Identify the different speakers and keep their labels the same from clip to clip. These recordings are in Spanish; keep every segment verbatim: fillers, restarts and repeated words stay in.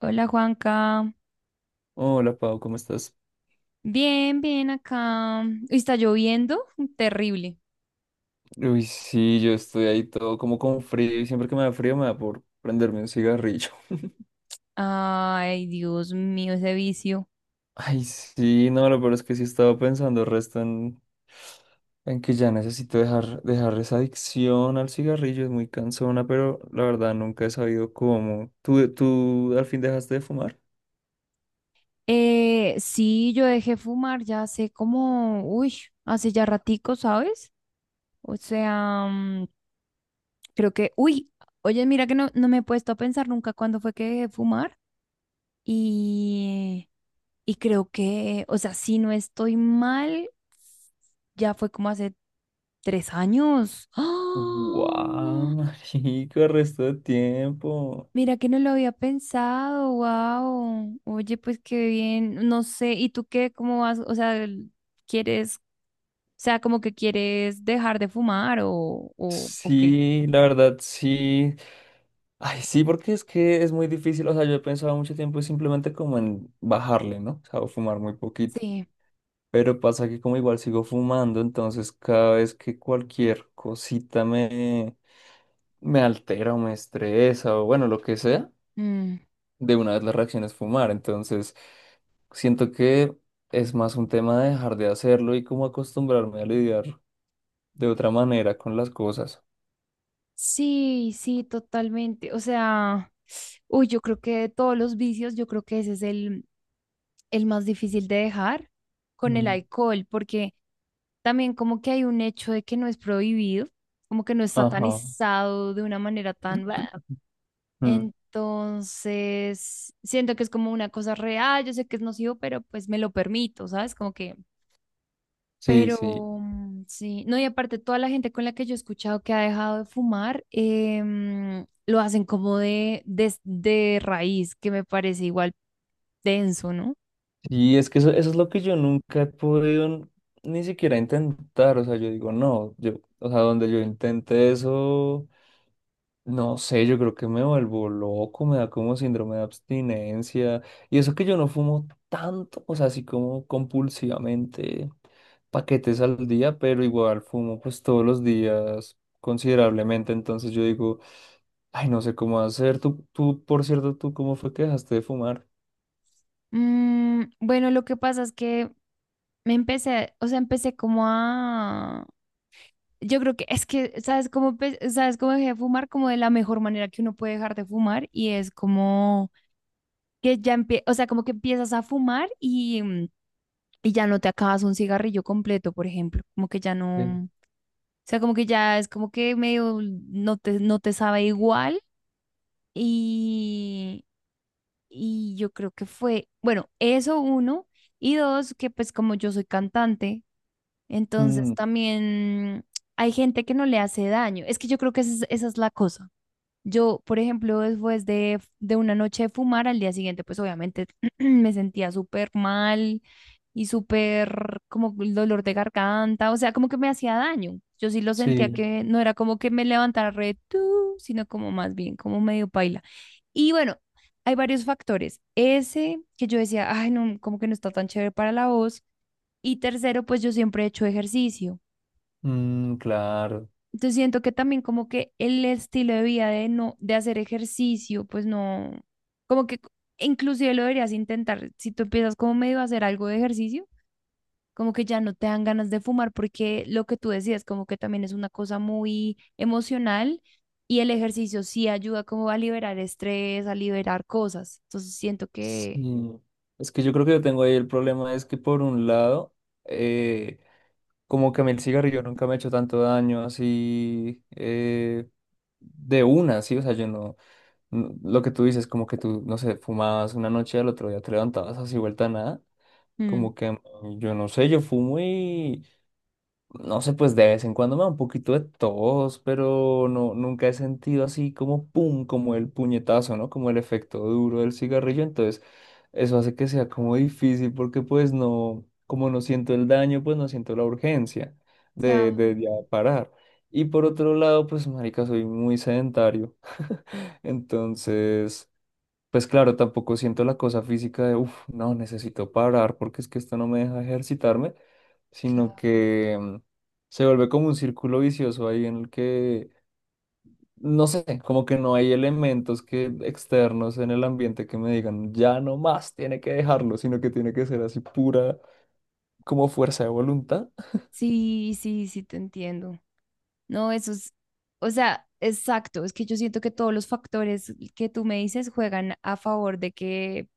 Speaker 1: Hola Juanca.
Speaker 2: Hola, Pau, ¿cómo estás?
Speaker 1: Bien, bien acá. Uy, está lloviendo, terrible.
Speaker 2: Uy, sí, yo estoy ahí todo como con frío y siempre que me da frío me da por prenderme un cigarrillo.
Speaker 1: Ay, Dios mío, ese vicio.
Speaker 2: Ay, sí, no, lo peor es que sí estaba pensando resto en, en que ya necesito dejar, dejar esa adicción al cigarrillo, es muy cansona, pero la verdad nunca he sabido cómo. ¿Tú, tú al fin dejaste de fumar?
Speaker 1: Eh, sí, yo dejé fumar ya hace como, uy, hace ya ratico, ¿sabes? O sea, mm, creo que, uy, oye, mira que no, no me he puesto a pensar nunca cuándo fue que dejé fumar. Y, y creo que, o sea, si no estoy mal, ya fue como hace tres años.
Speaker 2: ¡Guau,
Speaker 1: ¡Ah!
Speaker 2: marica, resto de tiempo!
Speaker 1: Mira que no lo había pensado, wow. Oye, pues qué bien, no sé, ¿y tú qué, cómo vas? O sea, el... ¿quieres, o sea, como que quieres dejar de fumar o, o, o qué?
Speaker 2: Sí, la verdad, sí. Ay, sí, porque es que es muy difícil. O sea, yo he pensado mucho tiempo simplemente como en bajarle, ¿no? O sea, o fumar muy poquito.
Speaker 1: Sí,
Speaker 2: Pero pasa que como igual sigo fumando, entonces cada vez que cualquier cosita me, me altera o me estresa o bueno, lo que sea,
Speaker 1: mm,
Speaker 2: de una vez la reacción es fumar. Entonces siento que es más un tema de dejar de hacerlo y como acostumbrarme a lidiar de otra manera con las cosas.
Speaker 1: sí, sí, totalmente. O sea, uy, yo creo que de todos los vicios, yo creo que ese es el, el más difícil de dejar con el
Speaker 2: Mm.
Speaker 1: alcohol, porque también como que hay un hecho de que no es prohibido, como que no está
Speaker 2: Ajá.
Speaker 1: satanizado de una manera tan... ¡bua!
Speaker 2: Mm.
Speaker 1: Entonces, siento que es como una cosa real, yo sé que es nocivo, pero pues me lo permito, ¿sabes? Como que,
Speaker 2: Sí, sí.
Speaker 1: pero mm, sí, no, y aparte toda la gente con la que yo he escuchado que ha dejado de fumar, em, lo hacen como de, de de raíz, que me parece igual denso, ¿no?
Speaker 2: Y es que eso, eso es lo que yo nunca he podido ni siquiera intentar. O sea, yo digo, no, yo, o sea, donde yo intente eso, no sé, yo creo que me vuelvo loco, me da como síndrome de abstinencia. Y eso que yo no fumo tanto, o sea, así como compulsivamente paquetes al día, pero igual fumo pues todos los días considerablemente. Entonces yo digo, ay, no sé cómo hacer. Tú, tú, por cierto, ¿tú cómo fue que dejaste de fumar?
Speaker 1: Mm, bueno, lo que pasa es que me empecé, o sea, empecé como a... Yo creo que es que, ¿sabes cómo, empe- sabes cómo dejé de fumar? Como de la mejor manera que uno puede dejar de fumar y es como que ya empie o sea, como que empiezas a fumar y, mm, y ya no te acabas un cigarrillo completo, por ejemplo, como que ya
Speaker 2: Sí.
Speaker 1: no, o sea, como que ya es como que medio no te, no te sabe igual y, y yo creo que fue, bueno, eso uno y dos, que pues como yo soy cantante, entonces
Speaker 2: Mm,
Speaker 1: también hay gente que no le hace daño, es que yo creo que esa es, esa es la cosa. Yo, por ejemplo, después de, de una noche de fumar, al día siguiente, pues obviamente me sentía súper mal y súper como el dolor de garganta, o sea, como que me hacía daño. Yo sí lo sentía
Speaker 2: sí.
Speaker 1: que no era como que me levantara re tú, sino como más bien, como medio paila. Y bueno, hay varios factores. Ese que yo decía, ay, no, como que no está tan chévere para la voz. Y tercero, pues yo siempre he hecho ejercicio.
Speaker 2: Mm, claro,
Speaker 1: Entonces siento que también como que el estilo de vida de no, de hacer ejercicio, pues no, como que inclusive lo deberías intentar. Si tú empiezas como medio a hacer algo de ejercicio, como que ya no te dan ganas de fumar, porque lo que tú decías, como que también es una cosa muy emocional y el ejercicio sí ayuda como a liberar estrés, a liberar cosas. Entonces siento que...
Speaker 2: sí. Es que yo creo que yo tengo ahí el problema, es que por un lado, eh, como que a mí el cigarrillo nunca me ha hecho tanto daño así eh, de una, sí, o sea, yo no, no- lo que tú dices, como que tú, no sé, fumabas una noche y al otro día te levantabas así vuelta a nada,
Speaker 1: mm,
Speaker 2: como que a mí, yo no sé, yo fumo. No sé, pues de vez en cuando me da un poquito de tos, pero no, nunca he sentido así como pum, como el puñetazo, ¿no? Como el efecto duro del cigarrillo. Entonces, eso hace que sea como difícil porque pues no, como no siento el daño, pues no siento la urgencia de,
Speaker 1: claro,
Speaker 2: de ya parar. Y por otro lado, pues marica, soy muy sedentario. Entonces, pues claro, tampoco siento la cosa física de, uff, no, necesito parar porque es que esto no me deja ejercitarme, sino
Speaker 1: claro.
Speaker 2: que mm, se vuelve como un círculo vicioso ahí en el que, no sé, como que no hay elementos que externos en el ambiente que me digan, ya no más, tiene que dejarlo, sino que tiene que ser así pura como fuerza de voluntad.
Speaker 1: Sí, sí, sí, te entiendo. No, eso es, o sea, exacto, es que yo siento que todos los factores que tú me dices juegan a favor de que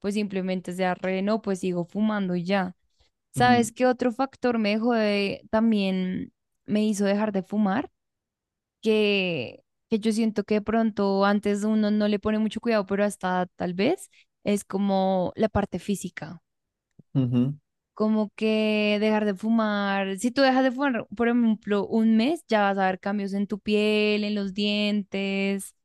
Speaker 1: pues simplemente sea re, no, pues sigo fumando y ya.
Speaker 2: Mm,
Speaker 1: ¿Sabes qué otro factor me dejó de- también me hizo dejar de fumar? Que, que yo siento que de pronto antes uno no le pone mucho cuidado, pero hasta tal vez es como la parte física
Speaker 2: ujú.
Speaker 1: como que dejar de fumar. Si tú dejas de fumar, por ejemplo, un mes, ya vas a ver cambios en tu piel, en los dientes,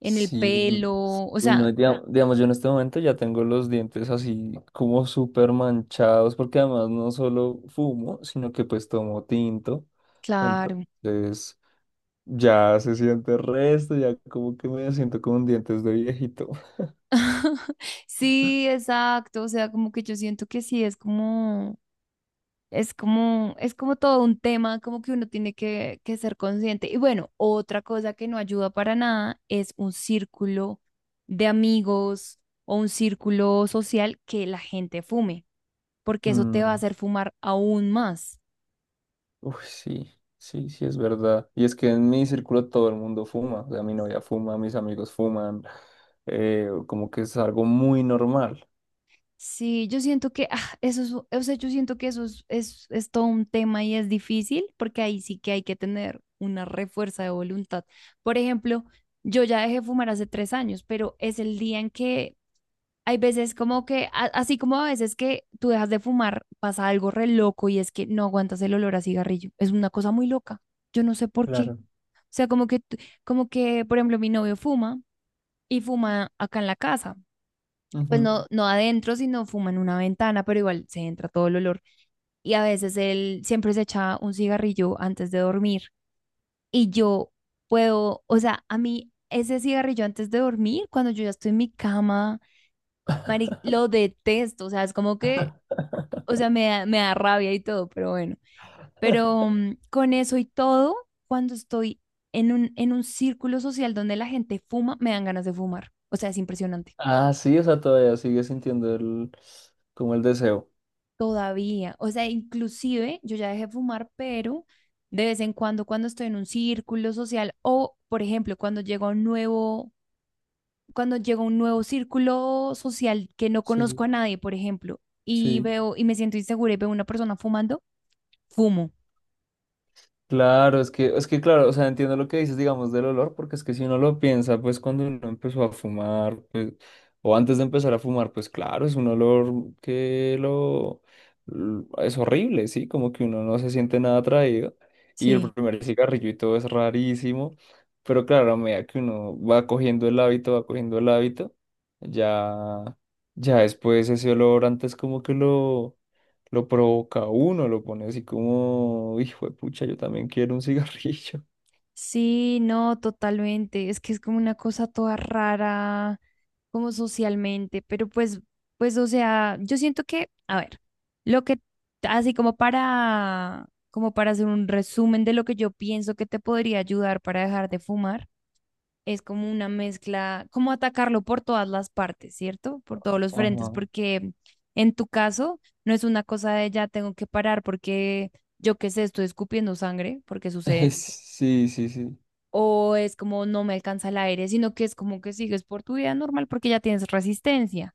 Speaker 1: en el
Speaker 2: Sí,
Speaker 1: pelo, o
Speaker 2: uy, no,
Speaker 1: sea,
Speaker 2: diga- digamos, yo en este momento ya tengo los dientes así como súper manchados, porque además no solo fumo, sino que pues tomo tinto.
Speaker 1: claro.
Speaker 2: Entonces ya se siente resto, ya como que me siento con dientes de viejito.
Speaker 1: Sí, exacto, o sea, como que yo siento que sí, es como, es como, es como todo un tema, como que uno tiene que, que ser consciente. Y bueno, otra cosa que no ayuda para nada es un círculo de amigos o un círculo social que la gente fume, porque eso te va a
Speaker 2: Mm,
Speaker 1: hacer fumar aún más.
Speaker 2: uy, sí, sí, sí, es verdad. Y es que en mi círculo todo el mundo fuma, o sea, mi novia fuma, mis amigos fuman, eh, como que es algo muy normal.
Speaker 1: Sí, yo siento que ah, eso es, o sea, yo siento que eso es, es, es todo un tema y es difícil porque ahí sí que hay que tener una refuerza de voluntad. Por ejemplo, yo ya dejé de fumar hace tres años, pero es el día en que hay veces como que, a- así como a veces que tú dejas de fumar, pasa algo re loco y es que no aguantas el olor a cigarrillo. Es una cosa muy loca. Yo no sé por qué.
Speaker 2: Claro.
Speaker 1: O sea, como que, tú- como que, por ejemplo, mi novio fuma y fuma acá en la casa pues no, no adentro, sino fuma en una ventana, pero igual se entra todo el olor. Y a veces él siempre se echa un cigarrillo antes de dormir. Y yo puedo, o sea, a mí ese cigarrillo antes de dormir, cuando yo ya estoy en mi cama, Mari, lo detesto. O sea, es como que, o sea, me da, me da rabia y todo, pero bueno. Pero mm, con eso y todo, cuando estoy en un, en un círculo social donde la gente fuma, me dan ganas de fumar. O sea, es impresionante.
Speaker 2: Ah, sí, o sea, todavía sigue sintiendo el, como el deseo.
Speaker 1: Todavía, o sea, inclusive yo ya dejé de fumar, pero de vez en cuando, cuando estoy en un círculo social o, por ejemplo, cuando llego a un nuevo, cuando llego a un nuevo círculo social que no conozco
Speaker 2: Sí,
Speaker 1: a nadie, por ejemplo, y
Speaker 2: sí.
Speaker 1: veo y me siento insegura y veo a una persona fumando, fumo.
Speaker 2: Claro, es que, es que claro, o sea, entiendo lo que dices, digamos, del olor, porque es que si uno lo piensa, pues cuando uno empezó a fumar, pues, o antes de empezar a fumar, pues claro, es un olor que lo, l- es horrible, ¿sí? Como que uno no se siente nada atraído, y el primer cigarrillo y todo es rarísimo, pero claro, a medida que uno va cogiendo el hábito, va cogiendo el hábito, ya, ya después ese olor antes como que lo lo provoca a uno, lo pone así como, hijo de pucha, yo también quiero un cigarrillo.
Speaker 1: Sí, no, totalmente. Es que es como una cosa toda rara, como socialmente, pero pues, pues, o sea, yo siento que, a ver, lo que, así como para, como para hacer un resumen de lo que yo pienso que te podría ayudar para dejar de fumar, es como una mezcla, como atacarlo por todas las partes, ¿cierto? Por todos los frentes,
Speaker 2: Ajá.
Speaker 1: porque en tu caso no es una cosa de ya tengo que parar porque yo qué sé, estoy escupiendo sangre, porque sucede
Speaker 2: Sí, sí, sí,
Speaker 1: o es como no me alcanza el aire, sino que es como que sigues por tu vida normal porque ya tienes resistencia.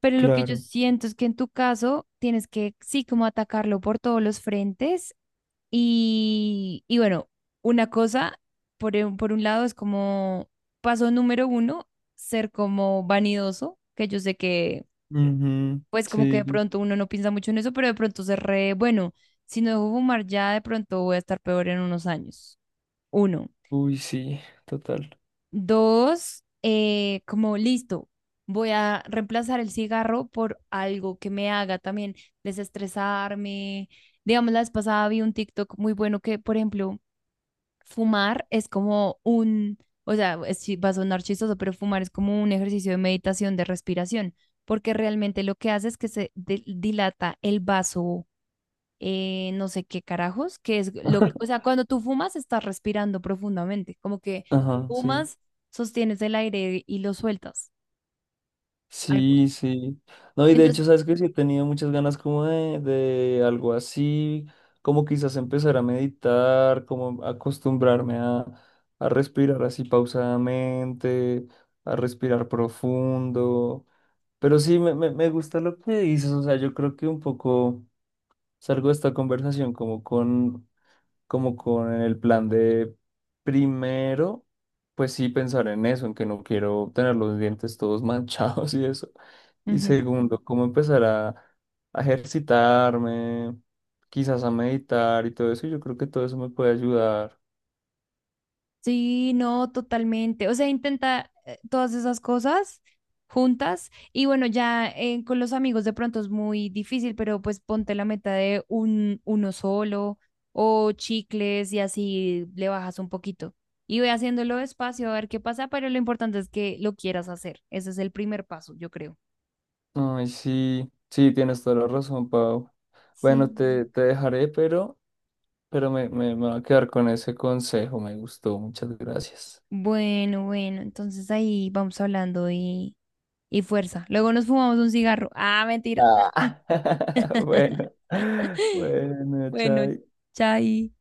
Speaker 1: Pero lo que yo
Speaker 2: claro.
Speaker 1: siento es que en tu caso tienes que sí como atacarlo por todos los frentes y, y bueno, una cosa, por, un- por un lado es como paso número uno, ser como vanidoso, que yo sé que
Speaker 2: Ujú,
Speaker 1: pues como que de
Speaker 2: sí,
Speaker 1: pronto uno no piensa mucho en eso, pero de pronto se re, bueno, si no dejo fumar ya de pronto voy a estar peor en unos años. Uno.
Speaker 2: uy, sí, total.
Speaker 1: Dos, eh, como listo, voy a reemplazar el cigarro por algo que me haga también desestresarme. Digamos, la vez pasada vi un TikTok muy bueno que, por ejemplo, fumar es como un, o sea, es chi- va a sonar chistoso, pero fumar es como un ejercicio de meditación, de respiración, porque realmente lo que hace es que se di- dilata el vaso eh, no sé qué carajos, que es lo, o sea, cuando tú fumas estás respirando profundamente, como que
Speaker 2: Ajá, sí.
Speaker 1: fumas, sostienes el aire y lo sueltas. Algo.
Speaker 2: Sí, sí. No, y de
Speaker 1: Entonces,
Speaker 2: hecho, sabes que sí he tenido muchas ganas como de, de algo así, como quizás empezar a meditar, como acostumbrarme a, a respirar así pausadamente, a respirar profundo. Pero sí, me, me, me gusta lo que dices, o sea, yo creo que un poco salgo de esta conversación como con como con el plan de primero, pues sí pensar en eso, en que no quiero tener los dientes todos manchados y eso. Y
Speaker 1: ujú.
Speaker 2: segundo, cómo empezar a, a ejercitarme, quizás a meditar y todo eso. Yo creo que todo eso me puede ayudar.
Speaker 1: Sí, no, totalmente. O sea, intenta eh, todas esas cosas juntas y bueno, ya eh, con los amigos de pronto es muy difícil, pero pues ponte la meta de un uno solo o chicles y así le bajas un poquito. Y voy haciéndolo despacio a ver qué pasa, pero lo importante es que lo quieras hacer. Ese es el primer paso, yo creo.
Speaker 2: Ay, sí, sí, tienes toda la razón, Pau.
Speaker 1: Sí.
Speaker 2: Bueno, te, te dejaré, pero, pero me, me, me voy a quedar con ese consejo. Me gustó, muchas gracias.
Speaker 1: Bueno, bueno, entonces ahí vamos hablando y, y fuerza. Luego nos fumamos un cigarro. Ah, mentira.
Speaker 2: Ah. Bueno, bueno,
Speaker 1: Bueno,
Speaker 2: chao.
Speaker 1: chai.